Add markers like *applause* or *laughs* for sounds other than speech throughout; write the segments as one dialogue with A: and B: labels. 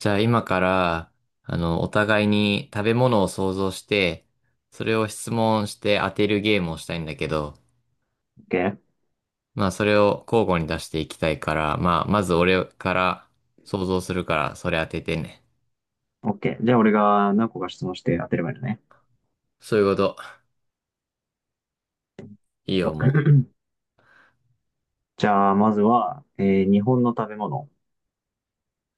A: じゃあ今から、お互いに食べ物を想像して、それを質問して当てるゲームをしたいんだけど、
B: OK?
A: まあそれを交互に出していきたいから、まあまず俺から想像するから、それ当ててね。
B: OK。じゃあ俺が何個か質問して当てればいいのね。
A: そういうこと。いいよ、
B: と *laughs*
A: も
B: *clears throat* じゃあ、まずは、日本の食べ物。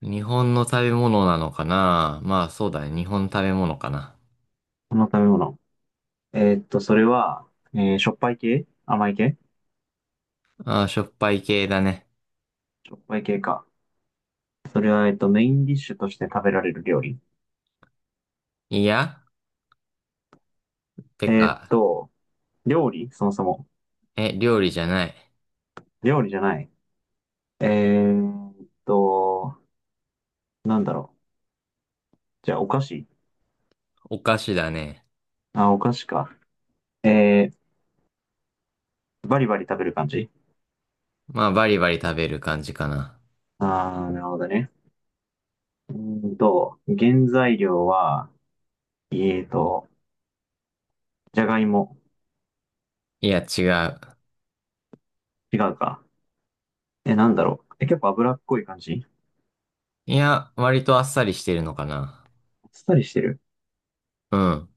A: う。日本の食べ物なのかな、まあそうだね。日本の食べ物かな。
B: この食べ物。それは、しょっぱい系甘い系。
A: ああ、しょっぱい系だね。
B: しょっぱい系か。それは、メインディッシュとして食べられる料理。
A: いや、て
B: えーっ
A: か、
B: と、料理そもそも。
A: え、料理じゃない。
B: 料理じゃない。えーっと、なんだろう。じゃあ、お菓子。
A: お菓子だね。
B: あ、お菓子か。えー、バリバリ食べる感じ。
A: まあバリバリ食べる感じかな。
B: あー、なるほどね。うー原材料は、えーと、じゃがいも。
A: いや、違う。
B: 違うか。え、なんだろう。え、結構脂っこい感じ。
A: いや、割とあっさりしてるのかな。
B: あっさりしてる。
A: うん。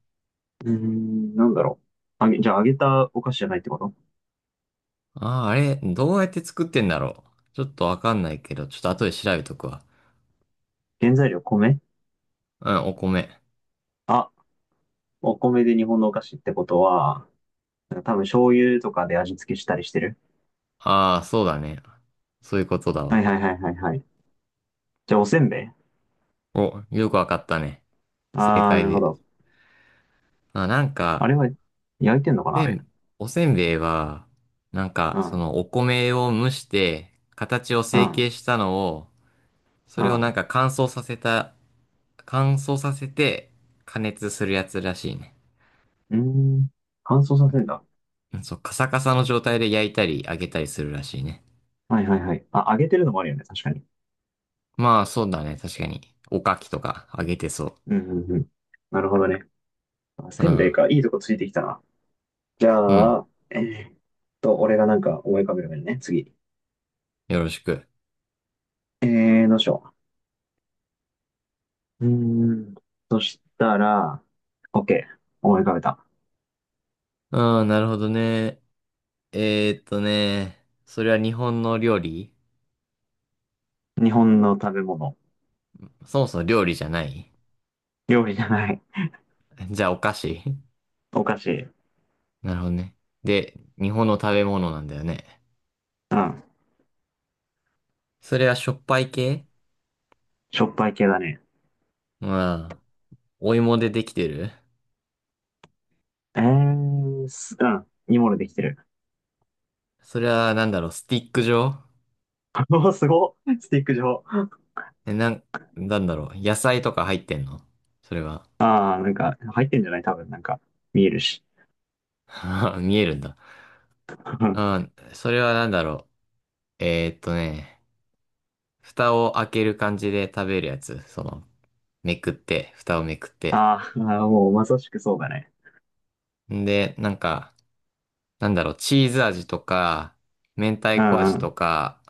B: うーん、なんだろう。じゃあ揚げたお菓子じゃないってこと。
A: ああ、あれ、どうやって作ってんだろう。ちょっとわかんないけど、ちょっと後で調べとくわ。
B: 原材料米。
A: うん、お米。
B: あ、お米で日本のお菓子ってことは、なんか多分醤油とかで味付けしたりしてる。
A: ああ、そうだね。そういうことだ
B: はい
A: わ。
B: はいはいはいはい。じゃあおせんべい。
A: お、よくわかったね。正
B: あー、
A: 解
B: なるほ
A: で。
B: ど。
A: あ、なん
B: あ
A: か、
B: れは焼いてんのかなあ
A: せ
B: れ。
A: ん、おせんべいは、なん
B: う
A: か、そ
B: ん、
A: のお米を蒸して、形を
B: う
A: 成形
B: ん、
A: したのを、そ
B: う
A: れをなん
B: ん。
A: か乾燥させた、乾燥させて加熱するやつらしいね。
B: うーん、乾燥させんだ。
A: そう、カサカサの状態で焼いたり揚げたりするらしいね。
B: はいはいはい。あ、揚げてるのもあるよね。確かに。
A: まあ、そうだね。確かに。おかきとか揚げてそ
B: うん、うん、うん。なるほどね。あ、
A: う。
B: せ
A: う
B: んべい
A: ん。
B: か。いいとこついてきたな。じ
A: う
B: ゃ
A: ん。
B: あ、俺がなんか思い浮かべるよね。次。
A: よろしく。
B: え、ー、どうしよう。うーん。そしたら、OK。思い浮かべた。
A: うん、なるほどね。それは日本の料理？
B: 日本の食べ物。
A: そもそも料理じゃない？
B: 料理じゃない。
A: じゃあ、お菓子？
B: お菓子。
A: *laughs* なるほどね。で、日本の食べ物なんだよね。
B: うん。
A: それはしょっぱい系？
B: しょっぱい系だね。
A: まあ、お芋でできてる？
B: えー、す、うん。煮物できてる。
A: それは、なんだろう、スティック状？
B: *laughs* おー、すごっ。スティック状。
A: え、なん、なんだろう、野菜とか入ってんの？それは。
B: ああなんか、入ってんじゃない多分、なんか、見えるし。
A: *laughs* あー、見えるんだ。う
B: *laughs*
A: ん。それはなんだろう。蓋を開ける感じで食べるやつ。その、めくって、蓋をめくって。
B: あーあー、もうまさしくそうだね。
A: んで、なんか、なんだろう、チーズ味とか、明
B: う
A: 太子
B: ん
A: 味
B: うん。
A: とか、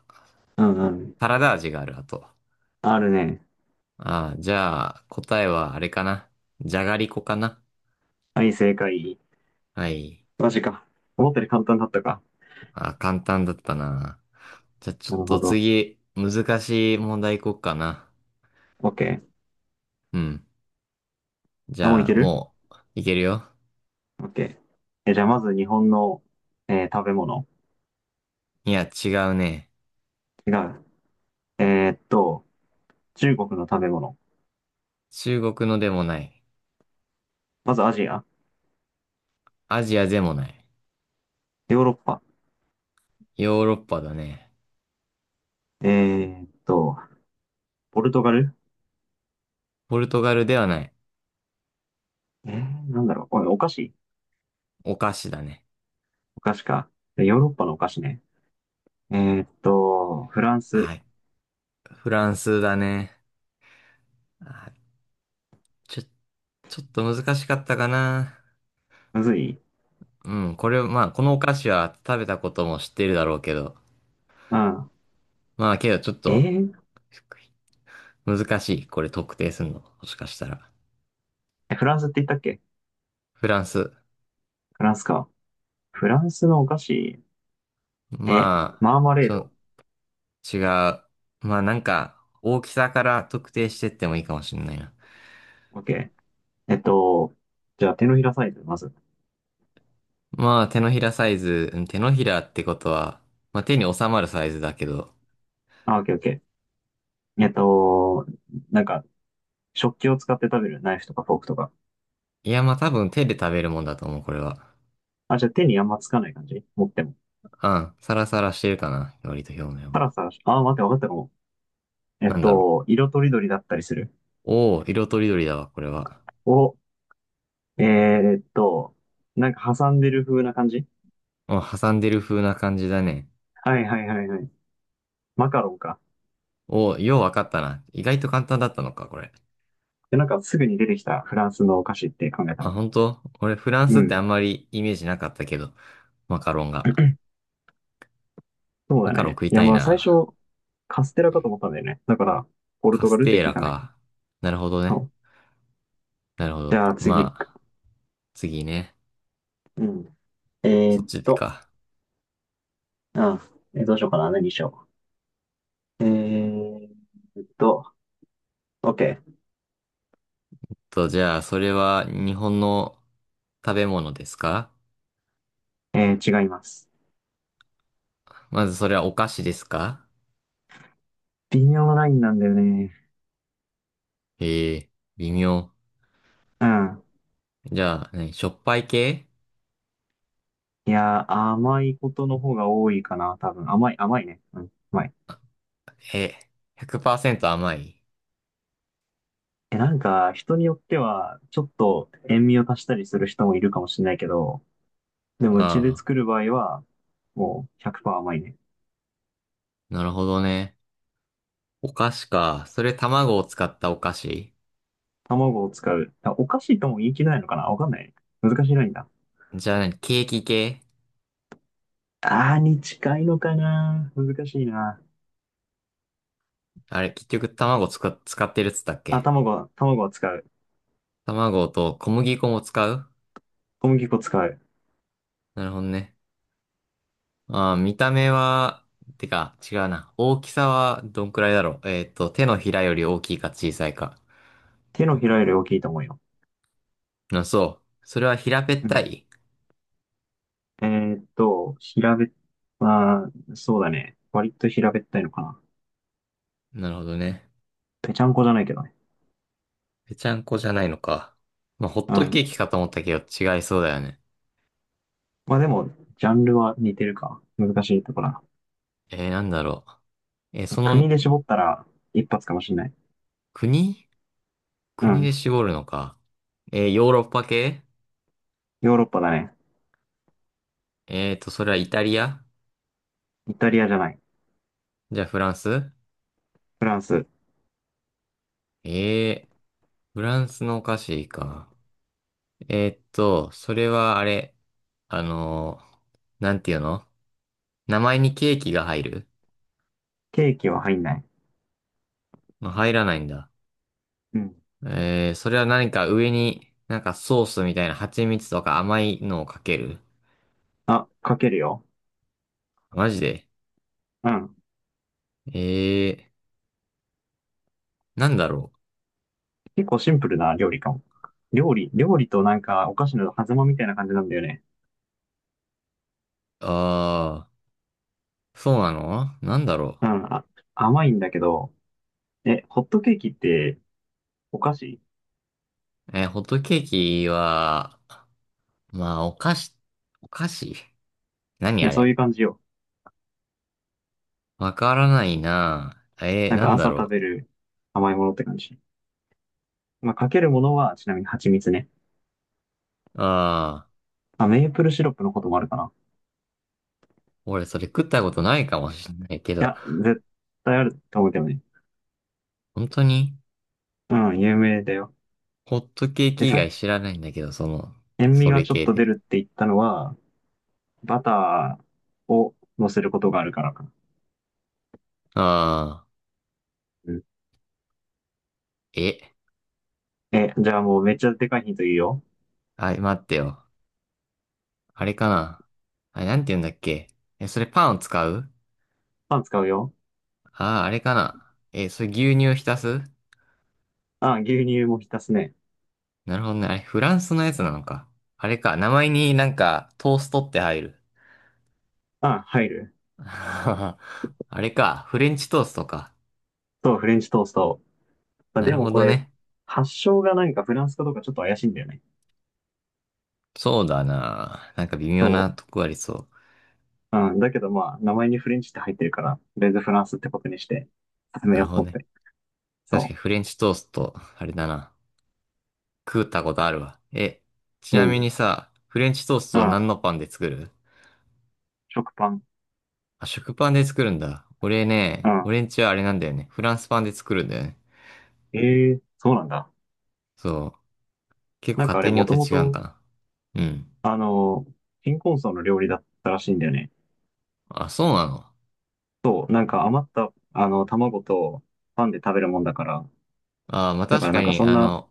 B: うんうん。
A: サラダ味がある、あと。
B: あるね。
A: ああ、じゃあ、答えはあれかな。じゃがりこかな。
B: はい、正解。
A: はい。
B: マジか。思ったより簡単だったか。
A: あ、簡単だったな。じゃあ、ちょ
B: な
A: っ
B: るほ
A: と
B: ど。
A: 次、難しい問題いこうかな。
B: OK。
A: うん。じ
B: あ、もうい
A: ゃあ、
B: ける？
A: もう、いけるよ。
B: OK。え、じゃあまず日本の、食べ物。
A: いや、違うね。
B: 違う。えーっと、中国の食べ物。
A: 中国のでもない。
B: まずアジア。
A: アジアでもない。
B: ヨーロッパ。
A: ヨーロッパだね。
B: えーっと、ポルトガル。
A: ポルトガルではない。
B: え、ー、なんだろう。これお菓子。
A: お菓子だね。
B: お菓子か。ヨーロッパのお菓子ね。えフランス。
A: あ、フランスだね。あ、ちょ、ちょっと難しかったかな。
B: むずい。
A: うん、これ、まあ、このお菓子は食べたことも知ってるだろうけど。
B: うん。
A: まあ、けどちょっ
B: え
A: と、
B: ー、
A: 難しい。これ特定するの。もしかしたら。
B: えフランスって言ったっけ。
A: フランス。
B: フランスか。フランスのお菓子。え、
A: まあ、
B: マーマレ
A: ち
B: ー
A: ょ、
B: ド。
A: 違う。まあ、なんか、大きさから特定してってもいいかもしれないな。
B: OK。えっと、じゃあ手のひらサイズ、まず。
A: まあ、手のひらサイズ、うん、手のひらってことは、まあ手に収まるサイズだけど。
B: あ、オッケーオッケー。えっと、なんか、食器を使って食べるナイフとかフォークとか。
A: いや、まあ多分手で食べるもんだと思う、これは。
B: あ、じゃあ手にあんまつかない感じ持っても。
A: うん、サラサラしてるかな、割と表面
B: た
A: は。
B: ださ、あ、待って、わかったかも。え
A: な
B: っ
A: んだろ
B: と、色とりどりだったりする。
A: う。おお、色とりどりだわ、これは。
B: お、えーっと、なんか挟んでる風な感じ。
A: うん、挟んでる風な感じだね。
B: はいはいはいはい。マカロンか。
A: おお、ようわかったな。意外と簡単だったのか、これ。
B: で、なんかすぐに出てきたフランスのお菓子って考えた
A: あ、
B: ら。
A: 本当俺、フラン
B: う
A: スってあ
B: ん。
A: んまりイメージなかったけど、マカロンが。
B: そう
A: マ
B: だ
A: カロン
B: ね。
A: 食い
B: いや、
A: たい
B: まあ最
A: な。
B: 初、カステラかと思ったんだよね。だから、ポル
A: カ
B: トガ
A: ス
B: ルって
A: テー
B: 聞い
A: ラ
B: たんだけど。
A: か。なるほど
B: そ
A: ね。
B: う。
A: なるほ
B: じ
A: ど。
B: ゃあ次。
A: まあ、次ね。
B: うん。え
A: そ
B: ー
A: っ
B: っ
A: ち
B: と、
A: か。
B: あ、えーどうしようかな。何にしよう。えーっと、OK。
A: と、じゃあ、それは日本の食べ物ですか？
B: えー、違います。
A: まずそれはお菓子ですか？
B: 微妙なラインなんだよね。
A: ええ、微妙。
B: うん。
A: じゃあ、何、しょっぱい系？
B: いやー、甘いことの方が多いかな、多分。甘い、甘いね。うん、甘い。
A: え、100%甘い？
B: え、なんか、人によっては、ちょっと塩味を足したりする人もいるかもしれないけど、でもうちで
A: あ
B: 作る場合は、もう100%甘いね。
A: あ、なるほどね。お菓子か。それ卵を使ったお菓子？
B: 卵を使う。あおかしいとも言い切れないのかなわかんないね。難しいラインだ。
A: じゃあ何、ケーキ系？
B: あーに近いのかな難しいな。
A: あれ、結局卵使、使ってるっつったっ
B: あ、
A: け？
B: 卵は、卵を使う。
A: 卵と小麦粉も使う？
B: 小麦粉を使う。
A: なるほどね。ああ、見た目は、てか、違うな。大きさはどんくらいだろう。えっと、手のひらより大きいか小さいか。
B: 手のひらより大きいと思うよ。
A: あ、そう。それは平べっ
B: う
A: た
B: ん。
A: い？
B: えーっと、平べっ、まあー、そうだね。割と平べったいのかな。
A: なるほどね。
B: ぺちゃんこじゃないけどね。
A: ぺちゃんこじゃないのか。まあ、ホッ
B: う
A: トケー
B: ん。
A: キかと思ったけど、違いそうだよね。
B: まあでも、ジャンルは似てるか。難しいところだ。
A: えー、なんだろう。えーそ
B: 国
A: の、
B: で絞ったら、一発かもしんない。
A: 国、
B: う
A: 国で
B: ん。
A: 絞るのか。えー、ヨーロッパ系？
B: ヨーロッパだね。
A: えっと、それはイタリア？
B: イタリアじゃない。
A: じゃあフランス？
B: フランス。
A: えー、フランスのお菓子か。えーっと、それはあれ、あのーなんていうの、名前にケーキが入る？
B: ケーキは入んない。
A: まあ、入らないんだ。
B: うん。
A: えー、それは何か上に、なんかソースみたいな蜂蜜とか甘いのをかける？
B: あ、かけるよ。
A: マジで？
B: うん。
A: えー、なんだろ
B: 結構シンプルな料理かも。料理、料理となんかお菓子の狭間みたいな感じなんだよね。
A: う。あー、そうなの、なんだろ
B: うん、あ、甘いんだけど、え、ホットケーキってお菓子。
A: う。えー、ホットケーキは、まあ、お菓子、お菓子、何
B: ね
A: あ
B: そういう
A: れ。
B: 感じよ。
A: わからないな。えー、
B: なん
A: な
B: か
A: んだ
B: 朝食
A: ろ
B: べる甘いものって感じ。まあ、かけるものはちなみに蜂蜜ね。
A: う。あー。
B: まあ、メープルシロップのこともあるかな。
A: 俺それ食ったことないかもしれないけ
B: い
A: ど、
B: や、絶対あると思うけどね。
A: 本当に？
B: うん、有名だよ。
A: ホットケー
B: で、
A: キ以
B: さっ
A: 外
B: き、
A: 知らないんだけど、その、
B: 塩味
A: そ
B: が
A: れ
B: ちょっ
A: 系
B: と出
A: で。
B: るって言ったのは、バターを乗せることがあるからかな。
A: ああ、
B: うん。
A: え、
B: え、じゃあもうめっちゃでかいヒントいいよ。
A: あ、待ってよ。あれかな。あれ、なんて言うんだっけ。え、それパンを使う？
B: パン使うよ。
A: ああー、あれかな。え、それ牛乳浸す？
B: あ、牛乳も浸すね。
A: なるほどね。あれ、フランスのやつなのか。あれか。名前になんか、トーストって入る？
B: あ、入る。
A: *laughs* あれか。フレンチトーストか。
B: と、フレンチトースト。まあ、
A: な
B: で
A: る
B: も
A: ほ
B: こ
A: ど
B: れ、
A: ね。
B: 発祥がなんかフランスかどうかちょっと怪しいんだよね。
A: そうだな。なんか微妙
B: そ
A: なとこありそ
B: う。うん。だけどまあ、名前にフレンチって入ってるから、とりあえずフランスってことにして、
A: う。
B: 進め
A: な
B: よ
A: る
B: う
A: ほ
B: と
A: ど
B: 思っ
A: ね。
B: て。
A: 確かに
B: そ
A: フレンチトースト、あれだな。食ったことあるわ。え、ち
B: う。う
A: なみ
B: ん。
A: にさ、フレンチトース
B: う
A: トは
B: ん。
A: 何のパンで作る？
B: 食パン。
A: あ、食パンで作るんだ。俺
B: う
A: ね、
B: ん。
A: 俺んちはあれなんだよね。フランスパンで作るんだよね。
B: ええそうなんだ。
A: そう。結構
B: なんか
A: 家
B: あれ、
A: 庭に
B: も
A: よって
B: とも
A: 違うんか
B: と、
A: な。うん。
B: あの、貧困層の料理だったらしいんだよね。
A: あ、そうなの。
B: そう。なんか余った、あの、卵とパンで食べるもんだから。
A: あー、まあ、
B: だか
A: 確
B: らな
A: か
B: んか
A: に、
B: そん
A: あ
B: な、
A: の、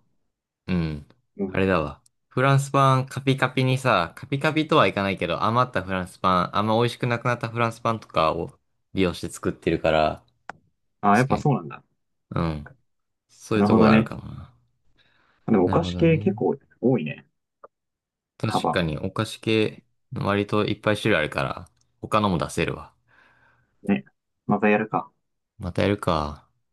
A: うん。
B: う
A: あれ
B: ん。
A: だわ。フランスパンカピカピにさ、カピカピとはいかないけど、余ったフランスパン、あんま美味しくなくなったフランスパンとかを利用して作ってるから、
B: あ、や
A: 確
B: っ
A: か
B: ぱ
A: に。
B: そうなんだ。
A: うん。そうい
B: な
A: う
B: る
A: と
B: ほ
A: こ
B: ど
A: がある
B: ね。
A: かもな。
B: でもお
A: なる
B: 菓
A: ほ
B: 子
A: ど
B: 系
A: ね。
B: 結構多いね。
A: 確か
B: 幅。
A: にお菓子系、割といっぱい種類あるから、他のも出せるわ。
B: ね。またやるか。
A: またやるか。